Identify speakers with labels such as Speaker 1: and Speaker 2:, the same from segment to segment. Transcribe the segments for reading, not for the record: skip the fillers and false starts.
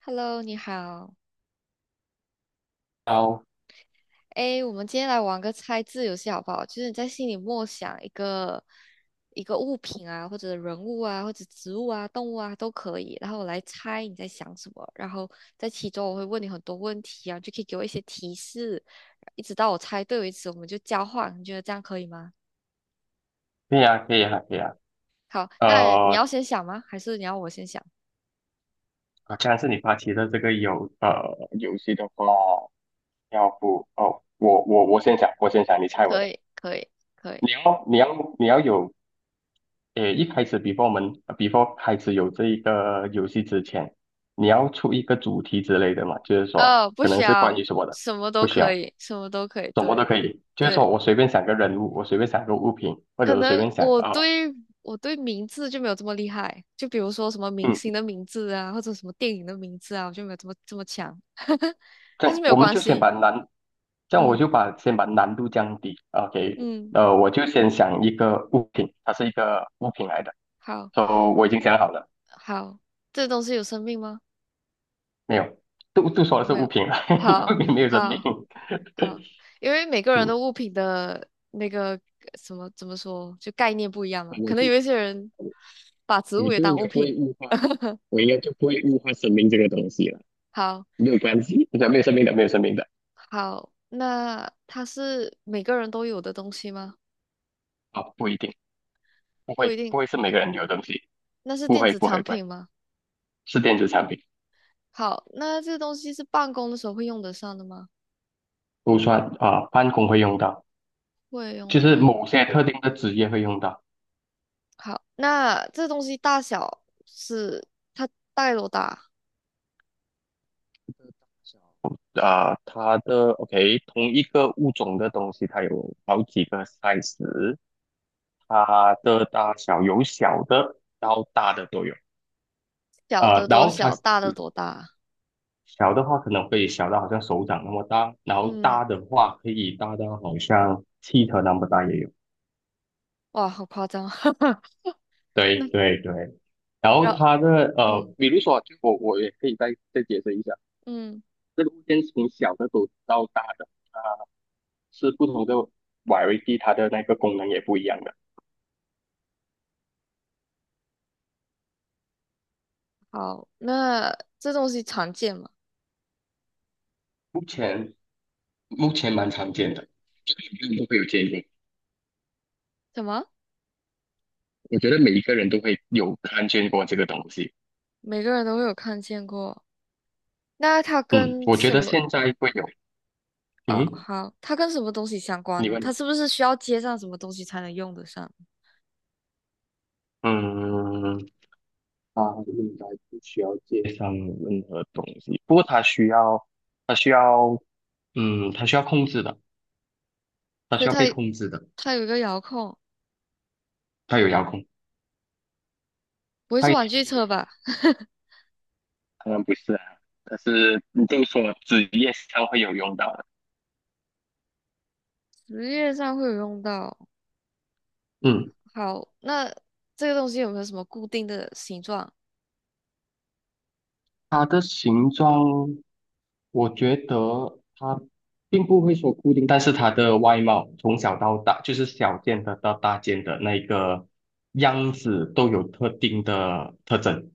Speaker 1: Hello，你好。
Speaker 2: 好，
Speaker 1: 诶，我们今天来玩个猜字游戏好不好？就是你在心里默想一个物品啊，或者人物啊，或者植物啊、动物啊都可以，然后我来猜你在想什么。然后在其中我会问你很多问题啊，就可以给我一些提示，一直到我猜对为止，我们就交换。你觉得这样可以吗？
Speaker 2: 可以啊，可以啊，可以啊。
Speaker 1: 好，那你
Speaker 2: 呃，
Speaker 1: 要先想吗？还是你要我先想？
Speaker 2: 好像是你发起的这个游戏的话，要不哦，我先想，我先想，你猜我
Speaker 1: 可
Speaker 2: 的。
Speaker 1: 以，可以，可以。
Speaker 2: 你要有，一开始 before 我们 before 开始有这一个游戏之前，你要出一个主题之类的嘛，就是说
Speaker 1: 哦，不
Speaker 2: 可
Speaker 1: 需
Speaker 2: 能是关
Speaker 1: 要，
Speaker 2: 于什么的，
Speaker 1: 什么都
Speaker 2: 不需
Speaker 1: 可
Speaker 2: 要，
Speaker 1: 以，什么都可以。
Speaker 2: 什么都
Speaker 1: 对，
Speaker 2: 可以。就是
Speaker 1: 对。
Speaker 2: 说我随便想个人物，我随便想个物品，或
Speaker 1: 可
Speaker 2: 者我随
Speaker 1: 能
Speaker 2: 便想
Speaker 1: 我对我对名字就没有这么厉害，就比如说什么明
Speaker 2: 嗯，
Speaker 1: 星的名字啊，或者什么电影的名字啊，我就没有这么强。但是
Speaker 2: 这
Speaker 1: 没有
Speaker 2: 我们
Speaker 1: 关
Speaker 2: 就先
Speaker 1: 系，
Speaker 2: 把难这样我
Speaker 1: 嗯
Speaker 2: 就先把难度降低，OK，
Speaker 1: 嗯，
Speaker 2: 我就先想一个物品，它是一个物品来的
Speaker 1: 好
Speaker 2: ，so 我已经想好了。
Speaker 1: 好，这东西有生命吗？
Speaker 2: 没有，都说的是
Speaker 1: 没
Speaker 2: 物
Speaker 1: 有，
Speaker 2: 品了，
Speaker 1: 好
Speaker 2: 物品没有生命。
Speaker 1: 好好，因为每个 人的
Speaker 2: 嗯，
Speaker 1: 物品的那个什么怎么说，就概念不一样嘛，
Speaker 2: 我
Speaker 1: 可能
Speaker 2: 就
Speaker 1: 有一些人把植
Speaker 2: 我
Speaker 1: 物也
Speaker 2: 就
Speaker 1: 当
Speaker 2: 应该
Speaker 1: 物
Speaker 2: 不会
Speaker 1: 品。
Speaker 2: 物化，我应该就不会物化生命这个东西了，
Speaker 1: 好，
Speaker 2: 没有关系，对，没有生命的，没有生命的。
Speaker 1: 好，那它是每个人都有的东西吗？
Speaker 2: 啊，不一定，不
Speaker 1: 不
Speaker 2: 会，
Speaker 1: 一
Speaker 2: 不
Speaker 1: 定，
Speaker 2: 会是每个人有的东西。
Speaker 1: 那是
Speaker 2: 不
Speaker 1: 电
Speaker 2: 会，
Speaker 1: 子
Speaker 2: 不
Speaker 1: 产
Speaker 2: 会，不会，
Speaker 1: 品吗？
Speaker 2: 是电子产品。
Speaker 1: 好，那这东西是办公的时候会用得上的吗？
Speaker 2: 不算啊，办公会用到，
Speaker 1: 会
Speaker 2: 就
Speaker 1: 用
Speaker 2: 是
Speaker 1: 到。
Speaker 2: 某些特定的职业会用到。
Speaker 1: 好，那这东西大小是它大概多大？
Speaker 2: 小啊，它的 OK，同一个物种的东西，它有好几个 size，它的大小有小的到大的都有。
Speaker 1: 小的
Speaker 2: 然
Speaker 1: 多
Speaker 2: 后它
Speaker 1: 小，大的多大？
Speaker 2: 小的话可能会小到好像手掌那么大，然后
Speaker 1: 嗯，
Speaker 2: 大的话可以大到好像汽车那么大也有。
Speaker 1: 哇，好夸张啊。
Speaker 2: 对
Speaker 1: 那
Speaker 2: 对对，然
Speaker 1: 然
Speaker 2: 后
Speaker 1: 后，
Speaker 2: 它的
Speaker 1: 嗯
Speaker 2: 比如说，就我也可以再解释一下，
Speaker 1: 嗯，
Speaker 2: 这个物件从小的都到大的，啊，是不同的 variety，它的那个功能也不一样的。
Speaker 1: 好，那这东西常见吗？
Speaker 2: 目前目前蛮常见的，就是每个人都会有见过。
Speaker 1: 什么？
Speaker 2: 我觉得每一个人都会有看见过这个东西。
Speaker 1: 每个人都会有看见过。那它
Speaker 2: 嗯，
Speaker 1: 跟
Speaker 2: 我觉
Speaker 1: 什
Speaker 2: 得
Speaker 1: 么？
Speaker 2: 现在会有。
Speaker 1: 哦，
Speaker 2: 嗯，
Speaker 1: 好，它跟什么东西相关
Speaker 2: 你
Speaker 1: 呢？它
Speaker 2: 问。
Speaker 1: 是不是需要接上什么东西才能用得上？
Speaker 2: 嗯，他应该不需要介绍任何东西，不过他需要，他需要，嗯，他需要控制的，他
Speaker 1: 对，
Speaker 2: 需要
Speaker 1: 它
Speaker 2: 被控制的。
Speaker 1: 它有一个遥控，
Speaker 2: 他有遥控，
Speaker 1: 不会是
Speaker 2: 他也
Speaker 1: 玩
Speaker 2: 可
Speaker 1: 具
Speaker 2: 以没
Speaker 1: 车
Speaker 2: 有遥控。
Speaker 1: 吧？
Speaker 2: 当然不是啊，但是你这么说，职业上会有用到的。
Speaker 1: 职业上会有用到。
Speaker 2: 嗯。
Speaker 1: 好，那这个东西有没有什么固定的形状？
Speaker 2: 它的形状，我觉得它并不会说固定，但是它的外貌从小到大，就是小件的到大件的那个样子都有特定的特征，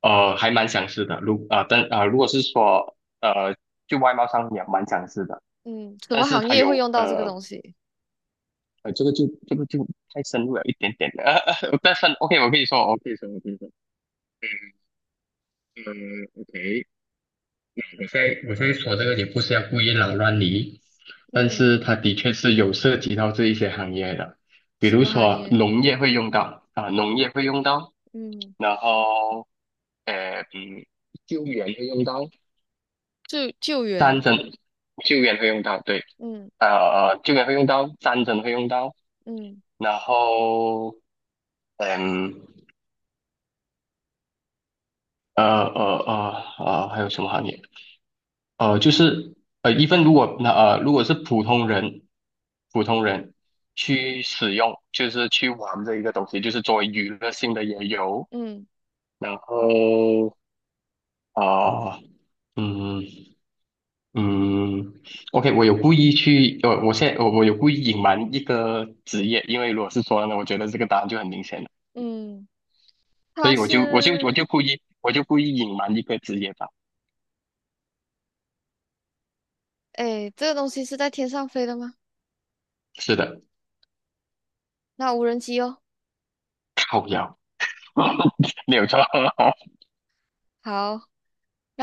Speaker 2: 还蛮相似的。如啊、呃，但啊、呃，如果是说,就外貌上也蛮相似的。
Speaker 1: 嗯，什
Speaker 2: 但
Speaker 1: 么
Speaker 2: 是
Speaker 1: 行
Speaker 2: 它
Speaker 1: 业会
Speaker 2: 有
Speaker 1: 用到这个东西？
Speaker 2: 这个就太深入了一点点了。但是 OK，我可以说，我可以说，我可以说。呃，OK，我现在我现在说这个也不是要故意扰乱你，但
Speaker 1: 嗯，
Speaker 2: 是它的确是有涉及到这一些行业的，比
Speaker 1: 什
Speaker 2: 如
Speaker 1: 么行
Speaker 2: 说
Speaker 1: 业？
Speaker 2: 农业会用到啊，农业会用到，
Speaker 1: 嗯，
Speaker 2: 然后呃嗯，救援会用到。
Speaker 1: 救援。
Speaker 2: 战争救援会用到，对，
Speaker 1: 嗯
Speaker 2: 救援会用到，战争会用到，
Speaker 1: 嗯
Speaker 2: 然后嗯还有什么行业？呃，就是呃，一份如果那呃，如果是普通人，普通人去使用，就是去玩这一个东西，就是作为娱乐性的也有。
Speaker 1: 嗯
Speaker 2: 然后啊、嗯嗯，OK，我有故意去，呃，我现在我有故意隐瞒一个职业，因为如果是说呢，我觉得这个答案就很明显了，
Speaker 1: 嗯，
Speaker 2: 所
Speaker 1: 它
Speaker 2: 以我就我就我
Speaker 1: 是，
Speaker 2: 就故意故意隐瞒一个职业吧。
Speaker 1: 哎，这个东西是在天上飞的吗？
Speaker 2: 是的，
Speaker 1: 那无人机哦。
Speaker 2: 靠腰，没有错，
Speaker 1: 好，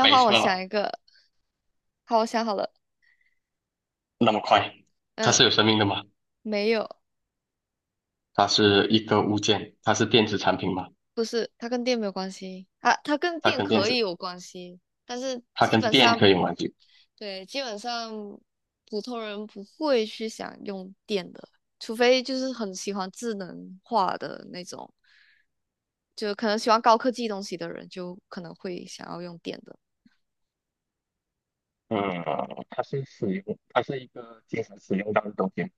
Speaker 2: 没
Speaker 1: 换我想
Speaker 2: 错。
Speaker 1: 一个。好，我想好了，
Speaker 2: 那么快？它
Speaker 1: 嗯，
Speaker 2: 是有生命的吗？
Speaker 1: 没有，
Speaker 2: 它是一个物件，它是电子产品吗？
Speaker 1: 不是，它跟电没有关系啊，它跟
Speaker 2: 它
Speaker 1: 电
Speaker 2: 跟电
Speaker 1: 可以
Speaker 2: 子，
Speaker 1: 有关系，但是
Speaker 2: 它
Speaker 1: 基
Speaker 2: 跟
Speaker 1: 本
Speaker 2: 电
Speaker 1: 上，
Speaker 2: 可以有关系。
Speaker 1: 对，基本上普通人不会去想用电的，除非就是很喜欢智能化的那种，就可能喜欢高科技东西的人，就可能会想要用电的。
Speaker 2: 嗯，它是一个经常使用到的东西吗？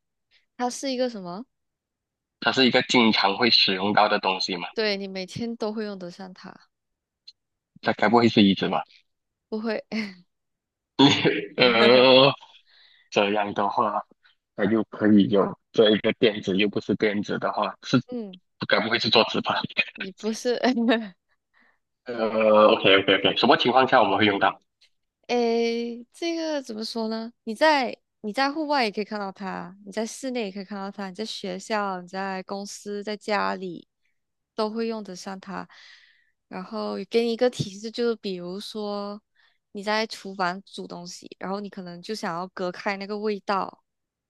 Speaker 1: 它是一个什么？
Speaker 2: 它是一个经常会使用到的东西嘛？
Speaker 1: 对，你每天都会用得上它，
Speaker 2: 它该不会是椅子吧？
Speaker 1: 不会，
Speaker 2: 呃，这样的话，它又可以有这一个电子，又不是电子的话，是
Speaker 1: 嗯，
Speaker 2: 该不会是桌子吧？
Speaker 1: 你不是。
Speaker 2: 呃，OK OK OK，什么情况下我们会用到？
Speaker 1: 诶，这个怎么说呢？你在户外也可以看到它，你在室内也可以看到它，你在学校、你在公司、在家里都会用得上它。然后给你一个提示，就是比如说你在厨房煮东西，然后你可能就想要隔开那个味道，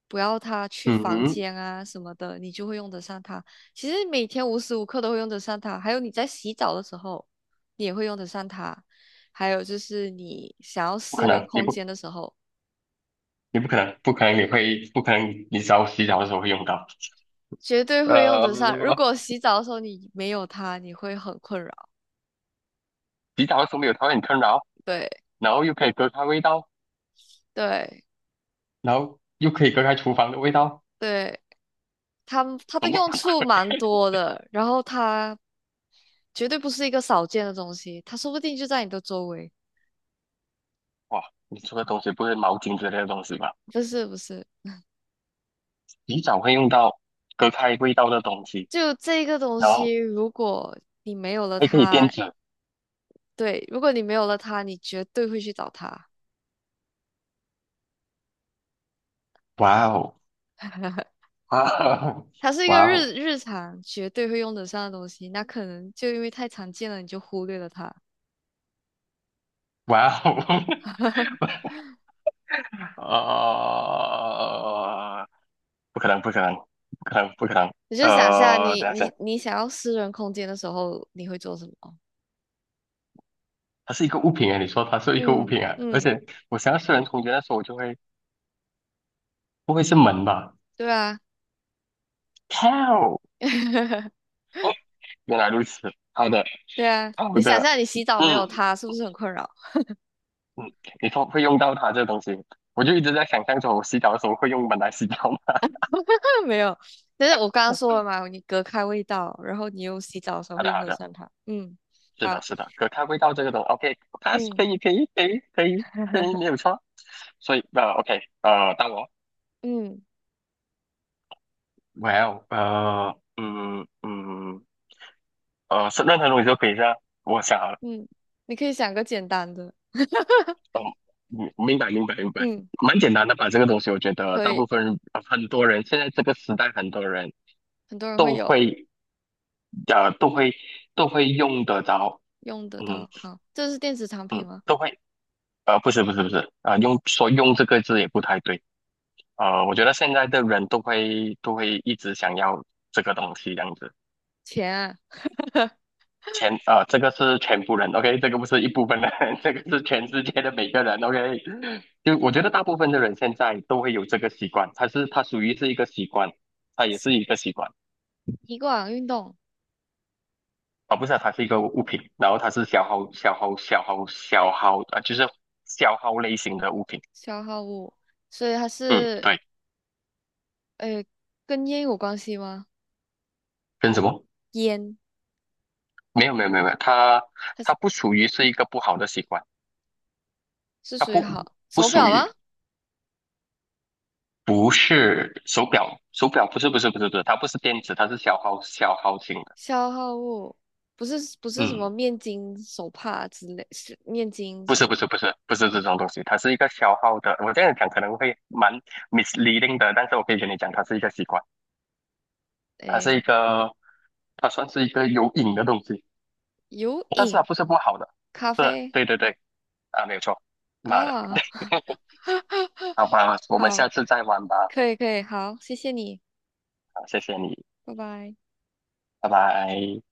Speaker 1: 不要它去
Speaker 2: 嗯
Speaker 1: 房
Speaker 2: 哼，
Speaker 1: 间啊什么的，你就会用得上它。其实每天无时无刻都会用得上它，还有你在洗澡的时候，你也会用得上它。还有就是你想要
Speaker 2: 不可
Speaker 1: 私人
Speaker 2: 能，你
Speaker 1: 空
Speaker 2: 不。
Speaker 1: 间的时候，
Speaker 2: 你不可能，不可能你会，不可能你只要洗澡的时候会用到。
Speaker 1: 绝对会用得上。如
Speaker 2: 呃，
Speaker 1: 果洗澡的时候你没有它，你会很困扰。
Speaker 2: 洗澡的时候没有它会很困扰，
Speaker 1: 对
Speaker 2: 然后又可以隔开味道，
Speaker 1: 对
Speaker 2: 然后又可以隔开厨房的味道，
Speaker 1: 对，它的
Speaker 2: 懂不
Speaker 1: 用
Speaker 2: 懂？
Speaker 1: 处蛮多的，然后它绝对不是一个少见的东西，它说不定就在你的周围。
Speaker 2: 哇，你说的东西不是毛巾之类的东西吧？
Speaker 1: 不是不是，
Speaker 2: 洗澡会用到隔开味道的东西，
Speaker 1: 就这个东
Speaker 2: 然后
Speaker 1: 西，如果你没有了
Speaker 2: 还可以垫
Speaker 1: 它，
Speaker 2: 纸。
Speaker 1: 对，如果你没有了它，你绝对会去找它。
Speaker 2: 哇哦，哇哦，
Speaker 1: 它是一个
Speaker 2: 哇哦，
Speaker 1: 日常绝对会用得上的东西，那可能就因为太常见了，你就忽略了它。
Speaker 2: 哇哦，呃，不可能，不可能，不可能，不可能。
Speaker 1: 你就想一下你，
Speaker 2: 等一下。
Speaker 1: 你你想要私人空间的时候，你会做什么？
Speaker 2: 它是一个物品哎，你说它是一个物
Speaker 1: 嗯
Speaker 2: 品啊，而
Speaker 1: 嗯，
Speaker 2: 且我想要四人同居的时候，我就会不会是门吧？
Speaker 1: 对啊，
Speaker 2: 靠！哦，原来如此，好的
Speaker 1: 对啊。
Speaker 2: 好
Speaker 1: 你想
Speaker 2: 的，
Speaker 1: 象你洗澡没有
Speaker 2: 嗯
Speaker 1: 它，是不是很困扰？
Speaker 2: 嗯，你说会用到它这个东西，我就一直在想象着我洗澡的时候会用门来洗澡吗？
Speaker 1: 没有，但是我刚刚说了嘛，你隔开味道，然后你用洗澡的时候
Speaker 2: 好
Speaker 1: 会
Speaker 2: 的
Speaker 1: 用
Speaker 2: 好
Speaker 1: 得
Speaker 2: 的，
Speaker 1: 上它。嗯，
Speaker 2: 是的
Speaker 1: 好，
Speaker 2: 是的，可它味道这个东，OK，它是
Speaker 1: 嗯
Speaker 2: 可以可以没有 错。所以OK 到我
Speaker 1: 嗯
Speaker 2: ，Well 是任何东西都可以是吧？我想好了。
Speaker 1: 嗯，你可以想个简单的，
Speaker 2: 哦，嗯明白明白明白。
Speaker 1: 嗯，
Speaker 2: 蛮简单的吧？这个东西，我觉 得
Speaker 1: 可
Speaker 2: 大
Speaker 1: 以，
Speaker 2: 部分人呃很多人现在这个时代，很多人
Speaker 1: 很多人会
Speaker 2: 都
Speaker 1: 有。
Speaker 2: 会呃都会都会用得着。
Speaker 1: 用得
Speaker 2: 嗯，
Speaker 1: 到。好，这是电子产品吗？
Speaker 2: 都会不是，用说用这个字也不太对，我觉得现在的人都会一直想要这个东西这样子。
Speaker 1: 钱啊，
Speaker 2: 这个是全部人，OK，这个不是一部分人，这个是全世界的每个人，OK。就我觉得大部分的人现在都会有这个习惯，它是它属于是一个习惯，它也是一个习惯
Speaker 1: 一罐运动
Speaker 2: 啊，不是啊它是一个物品，然后它是消耗啊，就是消耗类型的物品。
Speaker 1: 消耗物，所以它
Speaker 2: 嗯，
Speaker 1: 是
Speaker 2: 对，
Speaker 1: 呃跟烟有关系吗？
Speaker 2: 跟什么？
Speaker 1: 烟，
Speaker 2: 没有没有，
Speaker 1: 它
Speaker 2: 它
Speaker 1: 是
Speaker 2: 不属于是一个不好的习惯，
Speaker 1: 是
Speaker 2: 它
Speaker 1: 属于
Speaker 2: 不
Speaker 1: 好
Speaker 2: 不
Speaker 1: 手
Speaker 2: 属
Speaker 1: 表吗？
Speaker 2: 于。不是手表，手表不是不是，它不是电子，它是消耗型的。
Speaker 1: 消耗物不是不是什
Speaker 2: 嗯，
Speaker 1: 么面巾、手帕之类，是面巾
Speaker 2: 不
Speaker 1: 什
Speaker 2: 是不
Speaker 1: 么？
Speaker 2: 是不是不是这种东西，它是一个消耗的。我这样讲可能会蛮 misleading 的，但是我可以跟你讲，它是一个习惯，它是一
Speaker 1: 诶，
Speaker 2: 个，它算是一个有瘾的东西，
Speaker 1: 有
Speaker 2: 但是它
Speaker 1: 饮
Speaker 2: 不是不好的。
Speaker 1: 咖
Speaker 2: 对
Speaker 1: 啡
Speaker 2: 对对，啊，没有错。妈的，
Speaker 1: 啊，
Speaker 2: 好吧，我们
Speaker 1: 好，
Speaker 2: 下次再玩吧。
Speaker 1: 可以可以，好，谢谢你，
Speaker 2: 好，谢谢你，
Speaker 1: 拜拜。
Speaker 2: 拜拜。